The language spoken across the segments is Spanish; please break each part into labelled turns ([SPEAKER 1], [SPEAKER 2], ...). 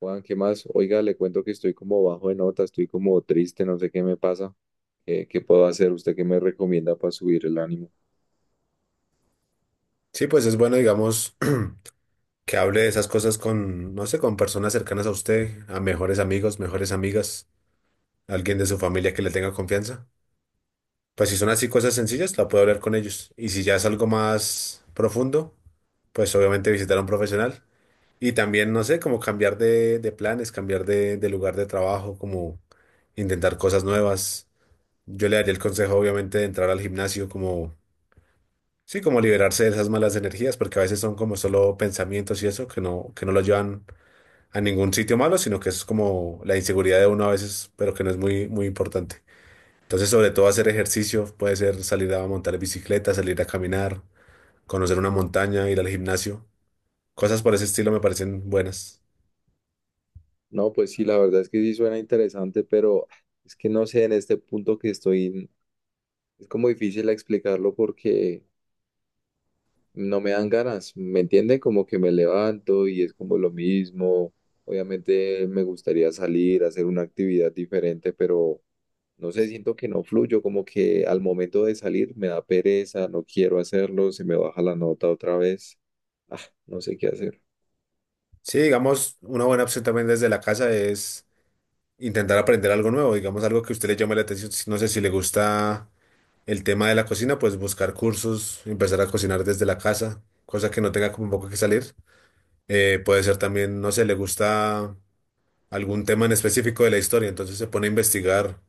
[SPEAKER 1] Juan, ¿qué más? Oiga, le cuento que estoy como bajo de nota, estoy como triste, no sé qué me pasa. ¿Qué puedo hacer? ¿Usted qué me recomienda para subir el ánimo?
[SPEAKER 2] Sí, pues es bueno, digamos, que hable de esas cosas con, no sé, con personas cercanas a usted, a mejores amigos, mejores amigas, alguien de su familia que le tenga confianza. Pues si son así cosas sencillas, la puede hablar con ellos. Y si ya es algo más profundo, pues obviamente visitar a un profesional. Y también, no sé, como cambiar de planes, cambiar de lugar de trabajo, como intentar cosas nuevas. Yo le daría el consejo, obviamente, de entrar al gimnasio como sí, como liberarse de esas malas energías, porque a veces son como solo pensamientos y eso, que no lo llevan a ningún sitio malo, sino que es como la inseguridad de uno a veces, pero que no es muy, muy importante. Entonces, sobre todo hacer ejercicio, puede ser salir a montar bicicleta, salir a caminar, conocer una montaña, ir al gimnasio. Cosas por ese estilo me parecen buenas.
[SPEAKER 1] No, pues sí, la verdad es que sí suena interesante, pero es que no sé, en este punto que estoy, es como difícil explicarlo porque no me dan ganas, ¿me entienden? Como que me levanto y es como lo mismo. Obviamente me gustaría salir, hacer una actividad diferente, pero no sé, siento que no fluyo, como que al momento de salir me da pereza, no quiero hacerlo, se me baja la nota otra vez. Ah, no sé qué hacer.
[SPEAKER 2] Sí, digamos, una buena opción también desde la casa es intentar aprender algo nuevo, digamos algo que a usted le llame la atención. No sé si le gusta el tema de la cocina, pues buscar cursos, empezar a cocinar desde la casa, cosa que no tenga como un poco que salir. Puede ser también, no sé, le gusta algún tema en específico de la historia, entonces se pone a investigar,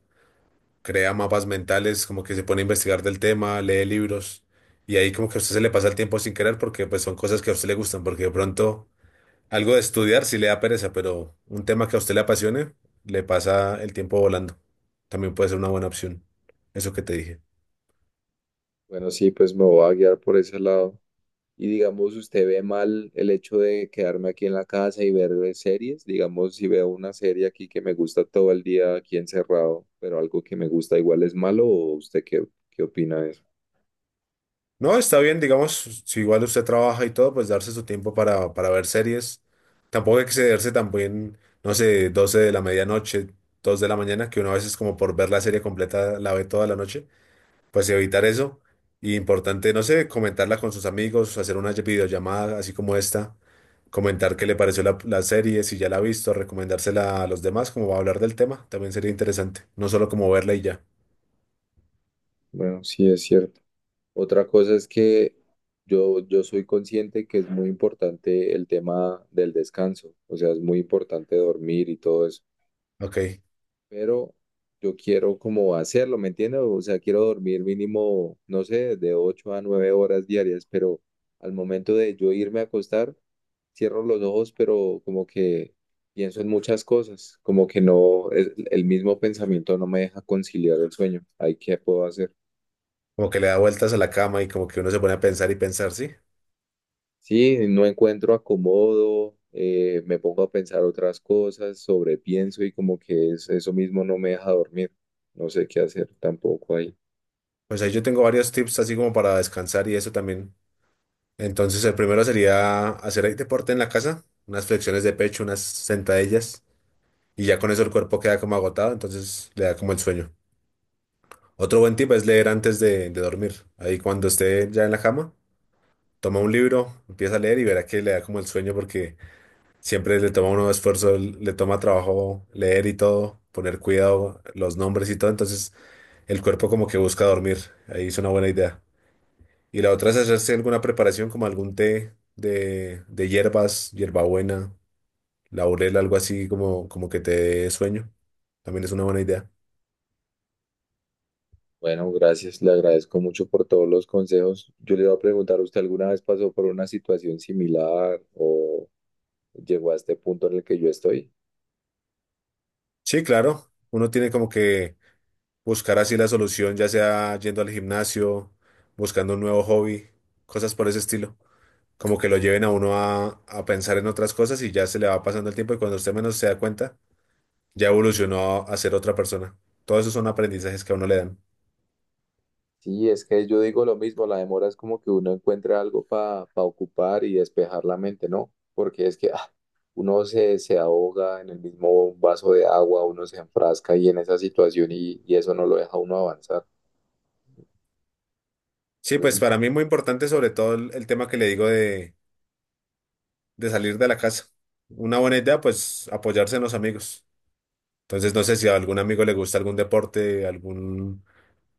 [SPEAKER 2] crea mapas mentales, como que se pone a investigar del tema, lee libros, y ahí como que a usted se le pasa el tiempo sin querer porque pues son cosas que a usted le gustan, porque de pronto algo de estudiar sí le da pereza, pero un tema que a usted le apasione, le pasa el tiempo volando. También puede ser una buena opción, eso que te dije.
[SPEAKER 1] Bueno, sí, pues me voy a guiar por ese lado. Y digamos, ¿usted ve mal el hecho de quedarme aquí en la casa y ver series? Digamos, si veo una serie aquí que me gusta todo el día aquí encerrado, pero algo que me gusta igual es malo, ¿o usted qué, qué opina de eso?
[SPEAKER 2] No, está bien, digamos, si igual usted trabaja y todo, pues darse su tiempo para ver series. Tampoco excederse también, no sé, 12 de la medianoche, 2 de la mañana, que uno a veces como por ver la serie completa la ve toda la noche, pues evitar eso. Y importante, no sé, comentarla con sus amigos, hacer una videollamada así como esta, comentar qué le pareció la serie, si ya la ha visto, recomendársela a los demás, como va a hablar del tema, también sería interesante, no solo como verla y ya,
[SPEAKER 1] Bueno, sí es cierto. Otra cosa es que yo soy consciente que es muy importante el tema del descanso, o sea, es muy importante dormir y todo eso,
[SPEAKER 2] ok,
[SPEAKER 1] pero yo quiero como hacerlo, ¿me entiendes? O sea, quiero dormir mínimo, no sé, de 8 a 9 horas diarias, pero al momento de yo irme a acostar, cierro los ojos, pero como que pienso en muchas cosas, como que no, el mismo pensamiento no me deja conciliar el sueño. Ahí, ¿qué puedo hacer?
[SPEAKER 2] como que le da vueltas a la cama y como que uno se pone a pensar y pensar, ¿sí?
[SPEAKER 1] Sí, no encuentro acomodo, me pongo a pensar otras cosas, sobrepienso y como que es, eso mismo no me deja dormir. No sé qué hacer tampoco ahí.
[SPEAKER 2] Pues ahí yo tengo varios tips así como para descansar y eso también. Entonces, el primero sería hacer ahí deporte en la casa, unas flexiones de pecho, unas sentadillas, y ya con eso el cuerpo queda como agotado, entonces le da como el sueño. Otro buen tip es leer antes de dormir. Ahí cuando esté ya en la cama, toma un libro, empieza a leer y verá que le da como el sueño porque siempre le toma uno esfuerzo, le toma trabajo leer y todo, poner cuidado, los nombres y todo, entonces el cuerpo como que busca dormir. Ahí es una buena idea. Y la otra es hacerse alguna preparación como algún té de hierbas, hierbabuena, laurel, algo así como, como que te dé sueño. También es una buena idea.
[SPEAKER 1] Bueno, gracias, le agradezco mucho por todos los consejos. Yo le iba a preguntar, ¿usted alguna vez pasó por una situación similar o llegó a este punto en el que yo estoy?
[SPEAKER 2] Sí, claro. Uno tiene como que buscar así la solución, ya sea yendo al gimnasio, buscando un nuevo hobby, cosas por ese estilo. Como que lo lleven a uno a pensar en otras cosas y ya se le va pasando el tiempo y cuando usted menos se da cuenta, ya evolucionó a ser otra persona. Todos esos son aprendizajes que a uno le dan.
[SPEAKER 1] Sí, es que yo digo lo mismo, la demora es como que uno encuentra algo para ocupar y despejar la mente, ¿no? Porque es que, se ahoga en el mismo vaso de agua, uno se enfrasca y en esa situación y eso no lo deja uno avanzar.
[SPEAKER 2] Sí,
[SPEAKER 1] Entonces,
[SPEAKER 2] pues para mí muy importante sobre todo el tema que le digo de salir de la casa. Una buena idea, pues apoyarse en los amigos. Entonces, no sé si a algún amigo le gusta algún deporte, algún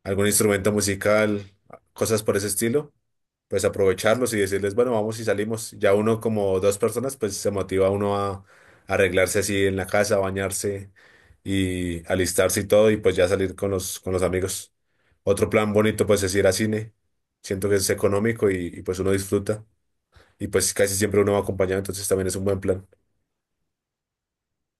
[SPEAKER 2] algún instrumento musical, cosas por ese estilo, pues aprovecharlos y decirles, bueno, vamos y salimos. Ya uno como dos personas, pues se motiva uno a arreglarse así en la casa, bañarse y alistarse y todo, y pues ya salir con los amigos. Otro plan bonito, pues es ir a cine. Siento que es económico y, pues uno disfruta. Y pues casi siempre uno va acompañado, entonces también es un buen plan.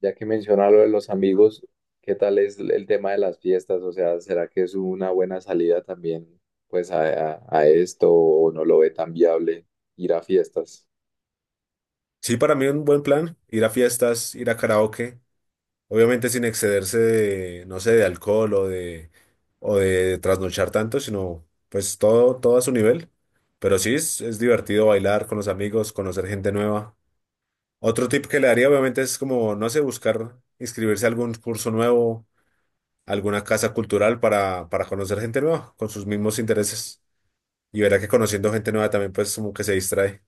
[SPEAKER 1] ya que menciona lo de los amigos, ¿qué tal es el tema de las fiestas? O sea, ¿será que es una buena salida también pues a, a esto o no lo ve tan viable ir a fiestas?
[SPEAKER 2] Sí, para mí un buen plan, ir a fiestas, ir a karaoke. Obviamente sin excederse de, no sé, de alcohol o de trasnochar tanto, sino pues todo, todo a su nivel. Pero sí es divertido bailar con los amigos, conocer gente nueva. Otro tip que le daría obviamente es como, no sé, buscar inscribirse a algún curso nuevo, alguna casa cultural para conocer gente nueva con sus mismos intereses. Y verá que conociendo gente nueva también pues como que se distrae.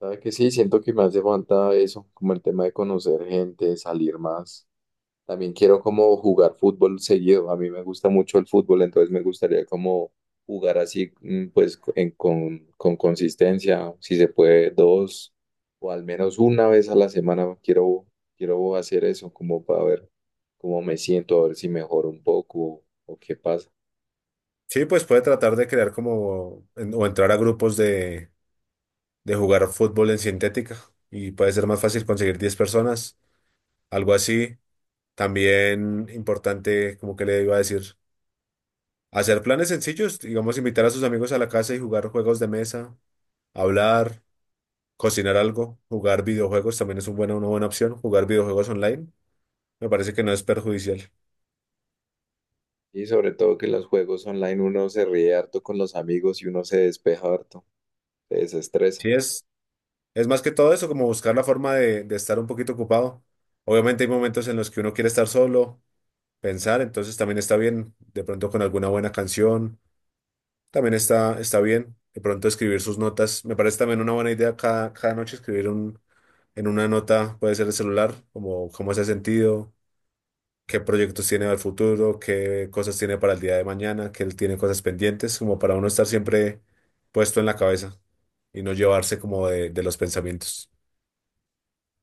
[SPEAKER 1] ¿Sabe que sí? Siento que me hace falta eso, como el tema de conocer gente, salir más. También quiero como jugar fútbol seguido. A mí me gusta mucho el fútbol, entonces me gustaría como jugar así, pues con consistencia, si se puede, dos o al menos una vez a la semana. Quiero hacer eso como para ver cómo me siento, a ver si mejoro un poco o qué pasa.
[SPEAKER 2] Sí, pues puede tratar de crear como o entrar a grupos de jugar fútbol en sintética y puede ser más fácil conseguir 10 personas, algo así. También importante, como que le iba a decir, hacer planes sencillos, digamos, invitar a sus amigos a la casa y jugar juegos de mesa, hablar, cocinar algo, jugar videojuegos también es una buena opción, jugar videojuegos online, me parece que no es perjudicial.
[SPEAKER 1] Y sobre todo que en los juegos online uno se ríe harto con los amigos y uno se despeja harto, se desestresa.
[SPEAKER 2] Sí, es más que todo eso, como buscar la forma de estar un poquito ocupado. Obviamente hay momentos en los que uno quiere estar solo, pensar, entonces también está bien de pronto con alguna buena canción. También está bien de pronto escribir sus notas. Me parece también una buena idea cada, cada noche escribir un, en una nota, puede ser el celular, como cómo se ha sentido, qué proyectos tiene al futuro, qué cosas tiene para el día de mañana, que él tiene cosas pendientes, como para uno estar siempre puesto en la cabeza y no llevarse como de los pensamientos.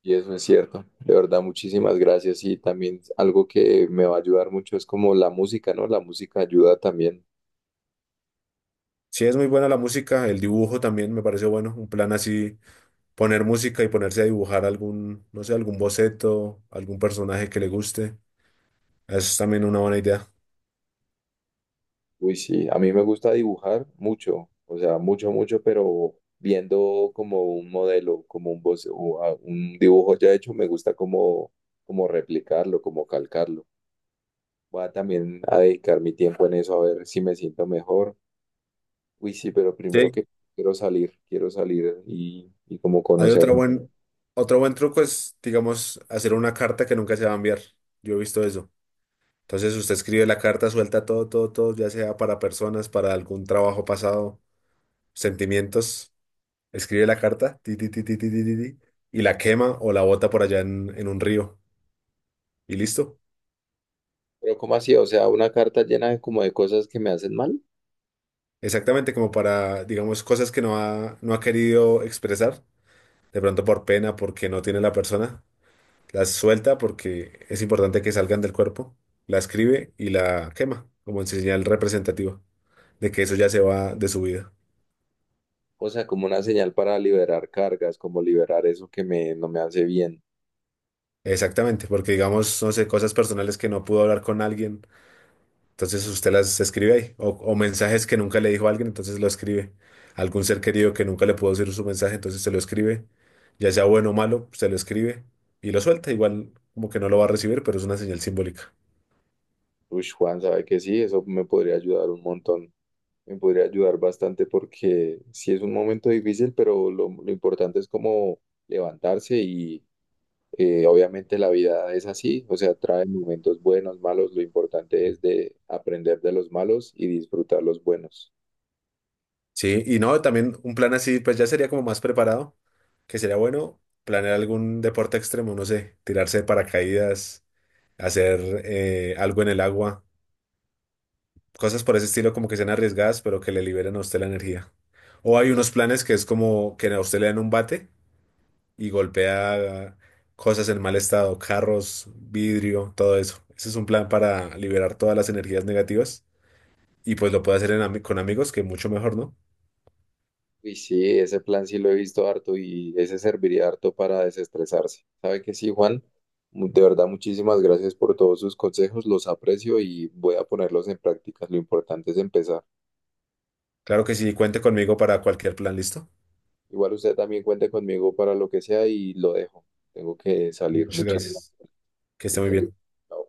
[SPEAKER 1] Y eso es cierto, de verdad, muchísimas gracias. Y también algo que me va a ayudar mucho es como la música, ¿no? La música ayuda también.
[SPEAKER 2] Sí, es muy buena la música, el dibujo también me parece bueno, un plan así, poner música y ponerse a dibujar algún, no sé, algún boceto, algún personaje que le guste. Eso es también una buena idea.
[SPEAKER 1] Uy, sí, a mí me gusta dibujar mucho, o sea, mucho, mucho, pero viendo como un modelo, como un, un dibujo ya hecho, me gusta como, como replicarlo, como calcarlo. Voy a también a dedicar mi tiempo en eso, a ver si me siento mejor. Uy, sí, pero primero
[SPEAKER 2] Sí,
[SPEAKER 1] que quiero salir y como
[SPEAKER 2] hay
[SPEAKER 1] conocer.
[SPEAKER 2] otra buen, otro buen truco es, digamos, hacer una carta que nunca se va a enviar. Yo he visto eso. Entonces usted escribe la carta, suelta todo, todo, todo, ya sea para personas, para algún trabajo pasado, sentimientos. Escribe la carta, ti, ti, ti, ti, ti, ti, ti, ti, y la quema o la bota por allá en un río. Y listo.
[SPEAKER 1] Pero ¿cómo así? O sea, una carta llena de como de cosas que me hacen mal.
[SPEAKER 2] Exactamente como para, digamos, cosas que no ha querido expresar, de pronto por pena, porque no tiene la persona. Las suelta porque es importante que salgan del cuerpo, la escribe y la quema como en señal representativa de que eso ya se va de su vida.
[SPEAKER 1] O sea, como una señal para liberar cargas, como liberar eso que me, no me hace bien.
[SPEAKER 2] Exactamente, porque digamos, no sé, cosas personales que no pudo hablar con alguien, entonces usted las escribe ahí, o mensajes que nunca le dijo a alguien, entonces lo escribe. Algún ser querido que nunca le pudo decir su mensaje, entonces se lo escribe, ya sea bueno o malo, se lo escribe y lo suelta, igual como que no lo va a recibir, pero es una señal simbólica.
[SPEAKER 1] Uy, Juan, sabe que sí, eso me podría ayudar un montón. Me podría ayudar bastante porque sí es un momento difícil, pero lo importante es como levantarse y obviamente la vida es así. O sea, trae momentos buenos, malos. Lo importante es de aprender de los malos y disfrutar los buenos.
[SPEAKER 2] Sí, y no, también un plan así, pues ya sería como más preparado, que sería bueno planear algún deporte extremo, no sé, tirarse de paracaídas, hacer algo en el agua, cosas por ese estilo como que sean arriesgadas, pero que le liberen a usted la energía. O hay unos planes que es como que a usted le dan un bate y golpea cosas en mal estado, carros, vidrio, todo eso. Ese es un plan para liberar todas las energías negativas y pues lo puede hacer en con amigos, que mucho mejor, ¿no?
[SPEAKER 1] Uy, sí, ese plan sí lo he visto harto y ese serviría harto para desestresarse. ¿Sabe que sí, Juan? De verdad, muchísimas gracias por todos sus consejos, los aprecio y voy a ponerlos en práctica. Lo importante es empezar.
[SPEAKER 2] Claro que sí, cuente conmigo para cualquier plan, ¿listo?
[SPEAKER 1] Igual usted también cuente conmigo para lo que sea y lo dejo. Tengo que salir.
[SPEAKER 2] Muchas
[SPEAKER 1] Muchísimas
[SPEAKER 2] gracias. Que esté muy
[SPEAKER 1] gracias.
[SPEAKER 2] bien.
[SPEAKER 1] Chao.